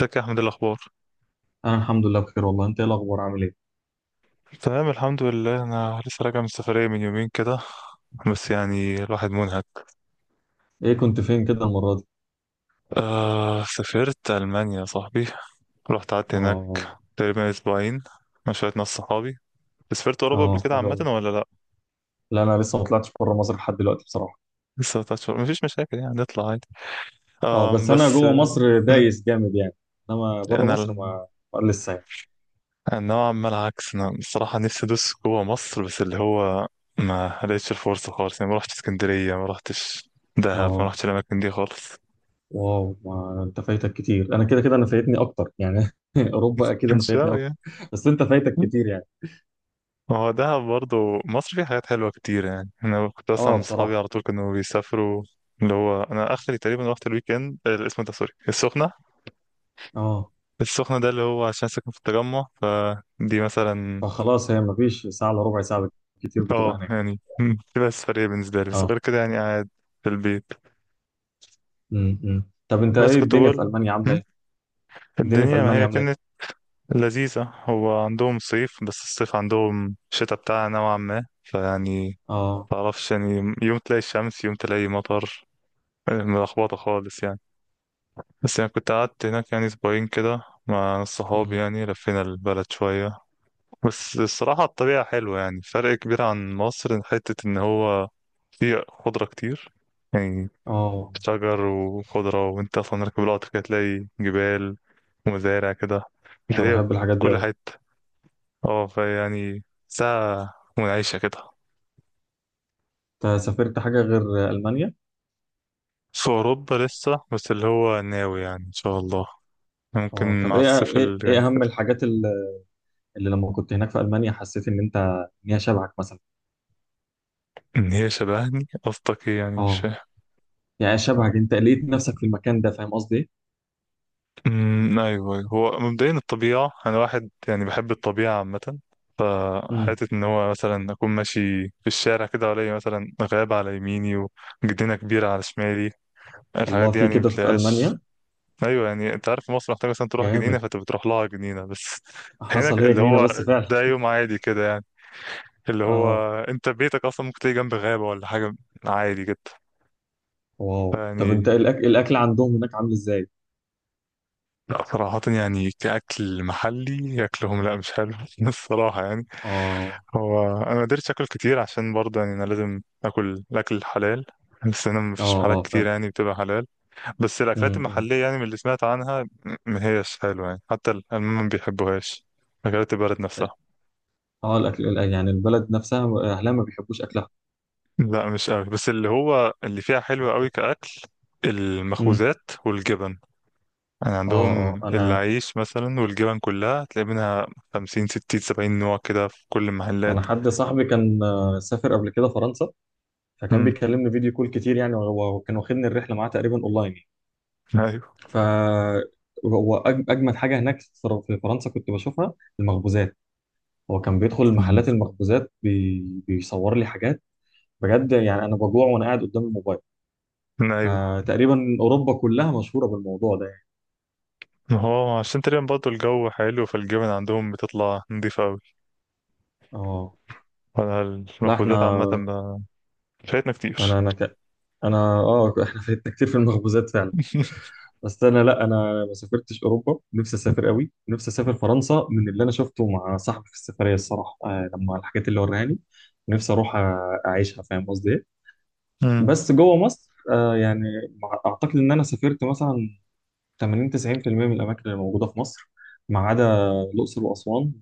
ازيك يا احمد؟ إيه الاخبار؟ انا الحمد لله بخير والله. انت ايه الاخبار؟ عامل ايه؟ تمام الحمد لله. انا لسه راجع من سفريه من يومين كده. بس يعني الواحد منهك. ايه كنت فين كده المره دي؟ آه، سافرت المانيا يا صاحبي. رحت قعدت هناك اه. تقريبا اسبوعين مع شويه ناس صحابي. بس سافرت اوروبا قبل اه، كده حلو عامه قوي. ولا لا؟ لا، انا لسه ما طلعتش بره مصر لحد دلوقتي بصراحه. لسه تشهر مفيش مشاكل يعني نطلع عادي. اه، آه بس انا بس جوه مصر مم، دايس جامد يعني. انما بره انا مصر، ال- ما لسه يعني. أنا نوعا ما العكس. انا الصراحه نفسي ادوس جوه مصر، بس اللي هو ما لقيتش الفرصه خالص يعني. ما رحتش اسكندريه، ما رحتش دهب، ما اه. رحتش الاماكن دي خالص. واو، ما انت فايتك كتير، انا كده كده انا فايتني اكتر يعني. اوروبا اكيد انا مش فايتني قوي اكتر. يعني. بس انت فايتك كتير يعني. ما هو دهب برضه مصر فيها حاجات حلوة كتير يعني. أنا كنت أسمع اه، من صحابي بصراحه. على طول كانوا بيسافروا. اللي هو أنا آخري تقريبا رحت الويك إند، اسمه ده، سوري، السخنة. اه، ده اللي هو عشان ساكن في التجمع، فدي مثلا. فخلاص، هي ما فيش ساعه الا ربع ساعه كتير بتبقى اه هناك. يعني، تبقى سفرية بالنسبة لي، بس اه. غير كده يعني قاعد في البيت. إمم. طب انت بس ايه كنت الدنيا في بقول، المانيا عامله مم، ايه؟ الدنيا في الدنيا ما المانيا هي عامله ايه؟ كانت لذيذة. هو عندهم صيف، بس الصيف عندهم شتاء بتاعها نوعا ما. فيعني اه. متعرفش يعني، يوم تلاقي الشمس، يوم تلاقي مطر. ملخبطة خالص يعني. بس يعني كنت قعدت هناك يعني أسبوعين كده مع ناس صحابي، إمم. يعني لفينا البلد شوية. بس الصراحة الطبيعة حلوة يعني، فرق كبير عن مصر. حتة إن هو فيه خضرة كتير يعني، اه، شجر وخضرة. وأنت أصلا راكب القطر كده تلاقي جبال ومزارع كده، انا تلاقيها في بحب الحاجات دي كل قوي. حتة. اه فيعني ساعة منعشة كده. انت سافرت حاجه غير المانيا؟ في أوروبا لسه، بس اللي هو ناوي يعني إن شاء الله اه، ممكن طب مع ايه الصيف ايه اللي ايه جاي اهم كده. الحاجات اللي لما كنت هناك في المانيا حسيت ان انت ان هي شبهك مثلا؟ ان هي شبهني؟ قصدك ايه يعني؟ مش اه. فاهم. يعني شبهك، انت لقيت نفسك في المكان ده، فاهم قصدي ايه؟ أمم، ايوه أيوة. هو مبدئيا الطبيعه، انا واحد يعني بحب الطبيعه عامه. امم فحته ان هو مثلا اكون ماشي في الشارع كده، والاقي مثلا غابه على يميني وجنينه كبيره على شمالي. الحاجات الله، دي في يعني كده في بتلاقيهاش. المانيا؟ ايوه، يعني انت عارف، في مصر محتاج مثلا تروح جنينه، جامد. فانت بتروح لها جنينه بس. هنا حصل هي اللي جنينه هو بس فعلا. ده يوم عادي كده يعني. اللي اه، هو انت بيتك اصلا ممكن تلاقي جنب غابه ولا حاجه، عادي جدا. واو، طب يعني انت الاكل عندهم هناك عامل ازاي؟ لا صراحة، يعني كأكل محلي، أكلهم لا، مش حلو الصراحة يعني. اه، هو أنا ما قدرتش أكل كتير عشان برضه يعني أنا لازم أكل الأكل الحلال، بس أنا اه، مفيش محلات اه، كتير فاهم. يعني بتبقى حلال. بس الأكلات أمم. المحلية يعني من اللي سمعت عنها ما هيش حلوة يعني. حتى الألمان ما بيحبوهاش، أكلات البلد نفسها. اه، الاكل يعني البلد نفسها اهلها ما بيحبوش اكلها؟ لا مش قوي، بس اللي هو اللي فيها حلو قوي اوكي. كأكل، امم المخبوزات والجبن. يعني اه، اه، عندهم انا العيش مثلا والجبن كلها تلاقي منها خمسين ستين سبعين نوع كده في كل انا المحلات. حد صاحبي كان سافر قبل كده فرنسا. فكان امم. بيكلمني فيديو كول كتير يعني، وكان واخدني الرحله معاه تقريبا اونلاين يعني. ايوه. ف هو اجمد حاجه هناك في فرنسا كنت بشوفها، المخبوزات. هو كان بيدخل مم. محلات المخبوزات بيصور لي حاجات، بجد يعني. انا بجوع وانا قاعد قدام الموبايل. مم. ايوه. تقريبا اوروبا كلها مشهوره بالموضوع ده يعني. ما هو عشان تقريبا برضه الجو حلو، فالجبن عندهم بتطلع نضيفة أوي. اه، وأنا لا، المخبوزات احنا عامة فايتنا انا كتير. انا ك... انا احنا فاتنا كتير في المخبوزات فعلا. بس انا، لا، انا ما سافرتش اوروبا. نفسي اسافر قوي، نفسي اسافر فرنسا من اللي انا شفته مع صاحبي في السفريه الصراحه. لما الحاجات اللي وراني نفسي اروح اعيشها، فاهم قصدي ايه؟ امم. بس جوه مصر يعني، اعتقد ان انا سافرت مثلا 80 90% من الاماكن اللي موجوده في مصر، ما عدا الاقصر واسوان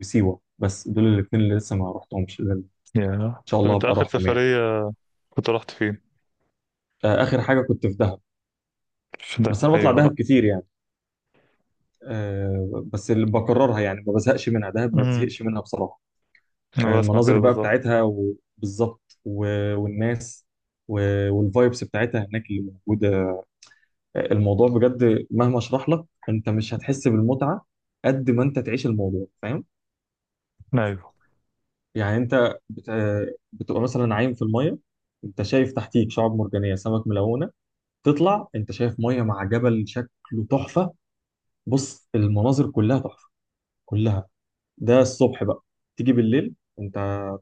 وسيوه. بس دول الاثنين اللي لسه ما رحتهمش، اللي ان يا. شاء طب الله أنت هبقى آخر اروحهم يعني. سفرية كنت رحت فين؟ اخر حاجه كنت في دهب. في بس ده، انا بطلع أيوه بقى. دهب كتير يعني. بس اللي بكررها يعني ما بزهقش منها، دهب ما امم، تزهقش منها بصراحه. أنا بسمع المناظر كده بقى بالظبط. بتاعتها، وبالظبط والناس والفايبس بتاعتها هناك اللي موجوده. الموضوع بجد مهما اشرح لك انت مش هتحس بالمتعه قد ما انت تعيش الموضوع، فاهم؟ أيوه. يعني انت بتبقى مثلا عايم في الميه، انت شايف تحتيك شعاب مرجانيه، سمك ملونه. تطلع انت شايف ميه مع جبل شكله تحفه. بص، المناظر كلها تحفه، كلها. ده الصبح بقى. تيجي بالليل، انت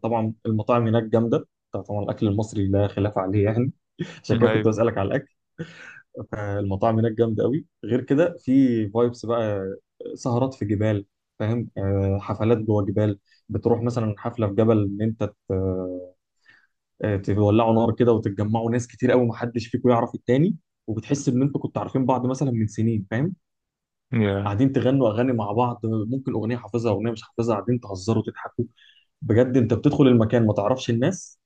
طبعا المطاعم هناك جامده، طبعا الاكل المصري لا خلاف عليه يعني. عشان مم. كده كنت أيوه. بسالك على الاكل. فالمطاعم هناك جامده قوي. غير كده في فايبس بقى، سهرات في جبال، فاهم؟ حفلات جوه جبال. بتروح مثلا حفله في جبل ان انت تولعوا نار كده وتتجمعوا ناس كتير قوي، محدش فيكم يعرف التاني، وبتحس ان انتوا كنتوا عارفين بعض مثلا من سنين، فاهم؟ يا. قاعدين تغنوا اغاني مع بعض، ممكن اغنيه حافظها، اغنيه مش حافظها، قاعدين تهزروا وتضحكوا. بجد انت بتدخل المكان ما تعرفش الناس،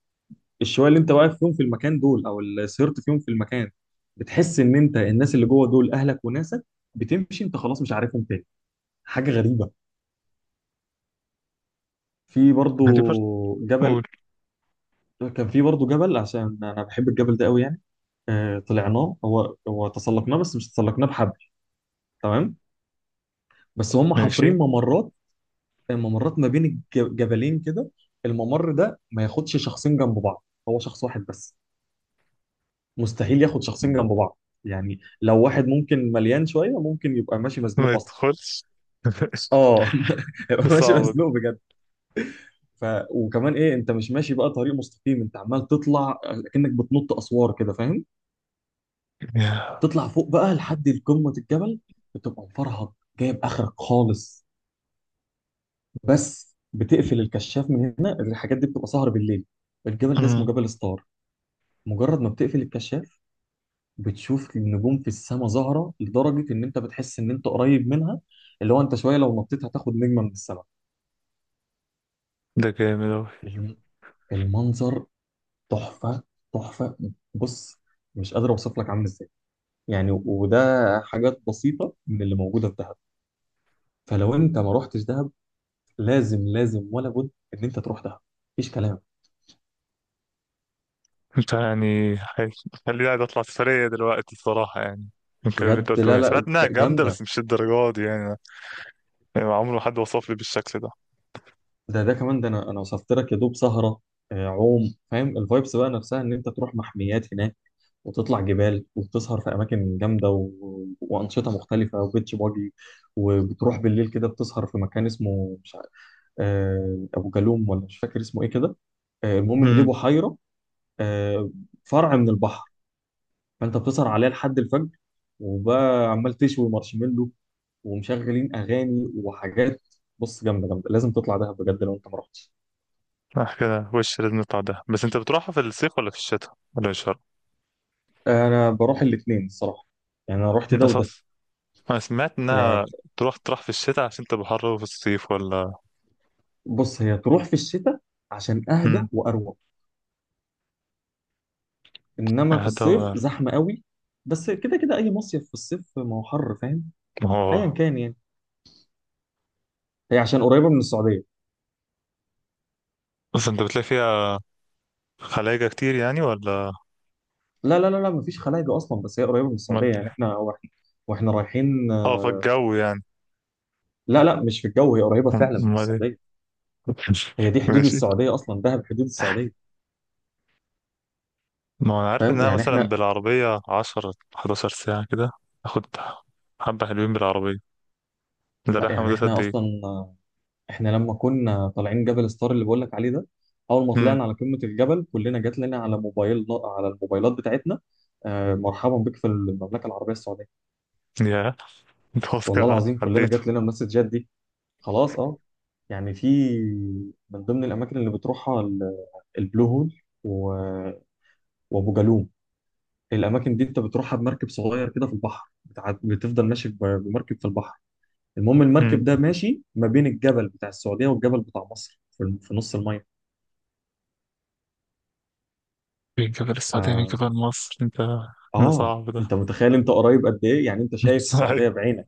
الشويه اللي انت واقف فيهم في المكان دول او اللي سهرت فيهم في المكان، بتحس ان انت الناس اللي جوه دول اهلك وناسك. بتمشي انت خلاص مش عارفهم تاني، حاجه غريبه. في برضو دي برضه قول. جبل كان في برضو جبل، عشان انا بحب الجبل ده قوي يعني. طلعناه، هو تسلقناه، بس مش تسلقناه بحبل، تمام؟ بس هم ماشي. حافرين ممرات، ممرات ما بين الجبلين كده. الممر ده ما ياخدش شخصين جنب بعض، هو شخص واحد بس، مستحيل ياخد شخصين جنب بعض. يعني لو واحد ممكن مليان شويه ممكن يبقى ماشي ما مزنوق اصلا. يدخلش. اه. يبقى ماشي صعبة دي. مزنوق بجد. ف... وكمان ايه، انت مش ماشي بقى طريق مستقيم، انت عمال تطلع كأنك بتنط اسوار كده، فاهم؟ يا. تطلع فوق بقى لحد قمه الجبل، بتبقى مفرهد، جايب اخرك خالص. بس بتقفل الكشاف من هنا، الحاجات دي بتبقى سهر بالليل. الجبل ده اسمه أمم. جبل ستار. مجرد ما بتقفل الكشاف بتشوف النجوم في السماء ظاهره لدرجه ان انت بتحس ان انت قريب منها، اللي هو انت شويه لو نطيت هتاخد نجمه من السماء. ده جامد أوي. الم- المنظر تحفه، تحفه. بص، مش قادر اوصف لك عامل ازاي. يعني وده حاجات بسيطه من اللي موجوده في دهب. فلو انت ما رحتش دهب، لازم لازم ولا بد ان انت تروح دهب، مفيش كلام. أنت يعني خليني قاعد. أطلع سفرية دلوقتي الصراحة يعني، من الكلام اللي أنت بجد، قلته، لا، يعني لا، سمعت إنها جامدة بس جامده. مش الدرجة دي يعني. يعني عمره ما حد وصف لي بالشكل ده. ده كمان، ده انا وصفت لك يا دوب سهره. عوم، فاهم؟ الفايبس بقى نفسها ان انت تروح محميات هناك وتطلع جبال وبتسهر في اماكن جامده وانشطه مختلفه وبيتش باجي. وبتروح بالليل كده بتسهر في مكان اسمه مش عارف، ابو جالوم ولا مش فاكر اسمه ايه كده. المهم ان دي امم. بحيره، آه، فرع من البحر. فانت بتسهر عليها لحد الفجر، وبقى عمال تشوي مارشميلو ومشغلين اغاني وحاجات. بص، جامده، جامده، لازم تطلع دهب بجد لو انت ما رحتش. صح كده، وش لازم نطلع ده. بس أنت بتروحها في الصيف ولا في الشتاء ولا في الشرق؟ انا بروح الاثنين الصراحه، يعني انا رحت من ده وده. أساس، أنا سمعت إنها يعني تروح في الشتاء عشان تبقى حر أوي في الصيف، ولا؟ بص، هي تروح في الشتاء عشان اهدى امم. واروق. انما في هذا الصيف هو. زحمه قوي. بس كده كده اي مصيف في الصيف ما هو حر، فاهم؟ ما ايا هو، كان يعني. هي عشان قريبه من السعوديه. بس أنت بتلاقي فيها خلايجة كتير يعني ولا؟ لا، لا، لا، لا، مفيش خلايجه اصلا، بس هي قريبه من أمال السعوديه. يعني إيه؟ احنا واحنا واحنا رايحين اه آه، فالجو يعني. لا، لا، مش في الجو، هي قريبه فعلا من أمال إيه؟ السعوديه. هي دي حدود ماشي. السعوديه اصلا، دهب حدود السعوديه. ما انا عارف فاهم انها يعني مثلا احنا، بالعربية 10 11 ساعة كده. اخد حبة حلوين بالعربية. ده لا رايح يعني مدة قد احنا ايه؟ اصلا. احنا لما كنا طالعين جبل ستار اللي بقول لك عليه ده، اول ما امم. طلعنا على قمه الجبل كلنا جات لنا على موبايل، على الموبايلات بتاعتنا، مرحبا بك في المملكه العربيه السعوديه. يا. انت خلاص والله كده العظيم كلنا عديته. جات لنا المسجات دي. خلاص. اه. يعني في من ضمن الاماكن اللي بتروحها البلو هول وابو جالوم. الاماكن دي انت بتروحها بمركب صغير كده في البحر بتفضل ماشي بمركب في البحر. المهم امم. المركب ده ماشي ما بين الجبل بتاع السعوديه والجبل بتاع مصر، في نص الميه. من جبل السعودية من آه... جبل مصر انت؟ ده اه. صعب ده. انت متخيل انت قريب قد ايه؟ يعني انت شايف السعوديه ايوه. بعينك.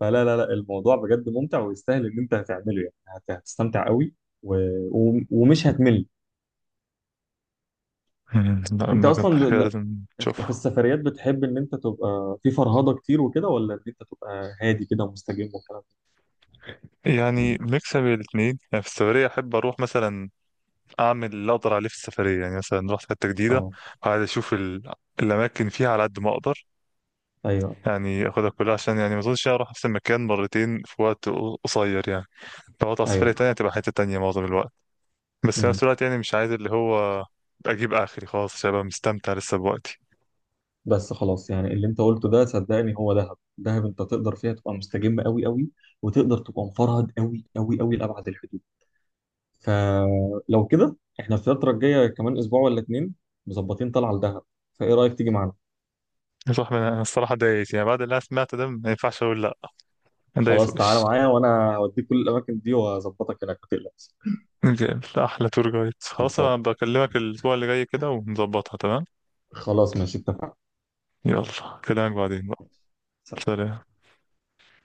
فلا، لا، لا، الموضوع بجد ممتع ويستاهل ان انت هتعمله، يعني هتستمتع قوي و... ومش هتمل. مم. لا انت ده كانت اصلا، حكاية لا. لازم انت في تشوفها. السفريات بتحب ان انت تبقى في فرهضه كتير وكده، ولا ان انت تبقى هادي كده ومستجم والكلام ده؟ يعني ميكس بين الاتنين يعني. في السفرية أحب أروح مثلا، أعمل اللي أقدر عليه في السفرية. يعني مثلا رحت حتة جديدة، اه، وعايز أشوف الأماكن فيها على قد ما أقدر. ايوه، يعني اخدها كلها، عشان يعني ما اظنش اروح نفس المكان مرتين في وقت قصير يعني. لو هطلع سفرية ايوه، فاهم. تانية هتبقى حتة تانية معظم الوقت. بس في امم. نفس الوقت يعني مش عايز اللي هو اجيب اخري خلاص، عشان ابقى مستمتع لسه بوقتي. بس خلاص، يعني اللي انت قلته ده صدقني، هو دهب، دهب انت تقدر فيها تبقى مستجم قوي قوي، وتقدر تبقى مفرهد قوي قوي قوي لابعد الحدود. فلو كده احنا الفتره الجايه كمان اسبوع ولا اتنين مظبطين طلعه لدهب، فايه رايك تيجي معانا؟ صح من انا الصراحة دايس يعني. بعد اللي انا سمعته ده ما ينفعش اقول لا. دايس خلاص تعالى وش. معايا وانا هوديك كل الاماكن دي واظبطك هناك، ما تقلقش. جامد. لا، احلى تور جايد. خلاص خلصان. انا بكلمك الاسبوع اللي جاي كده ونظبطها. تمام. خلاص ماشي، اتفقنا. يلا كلامك بعدين بقى. سلام.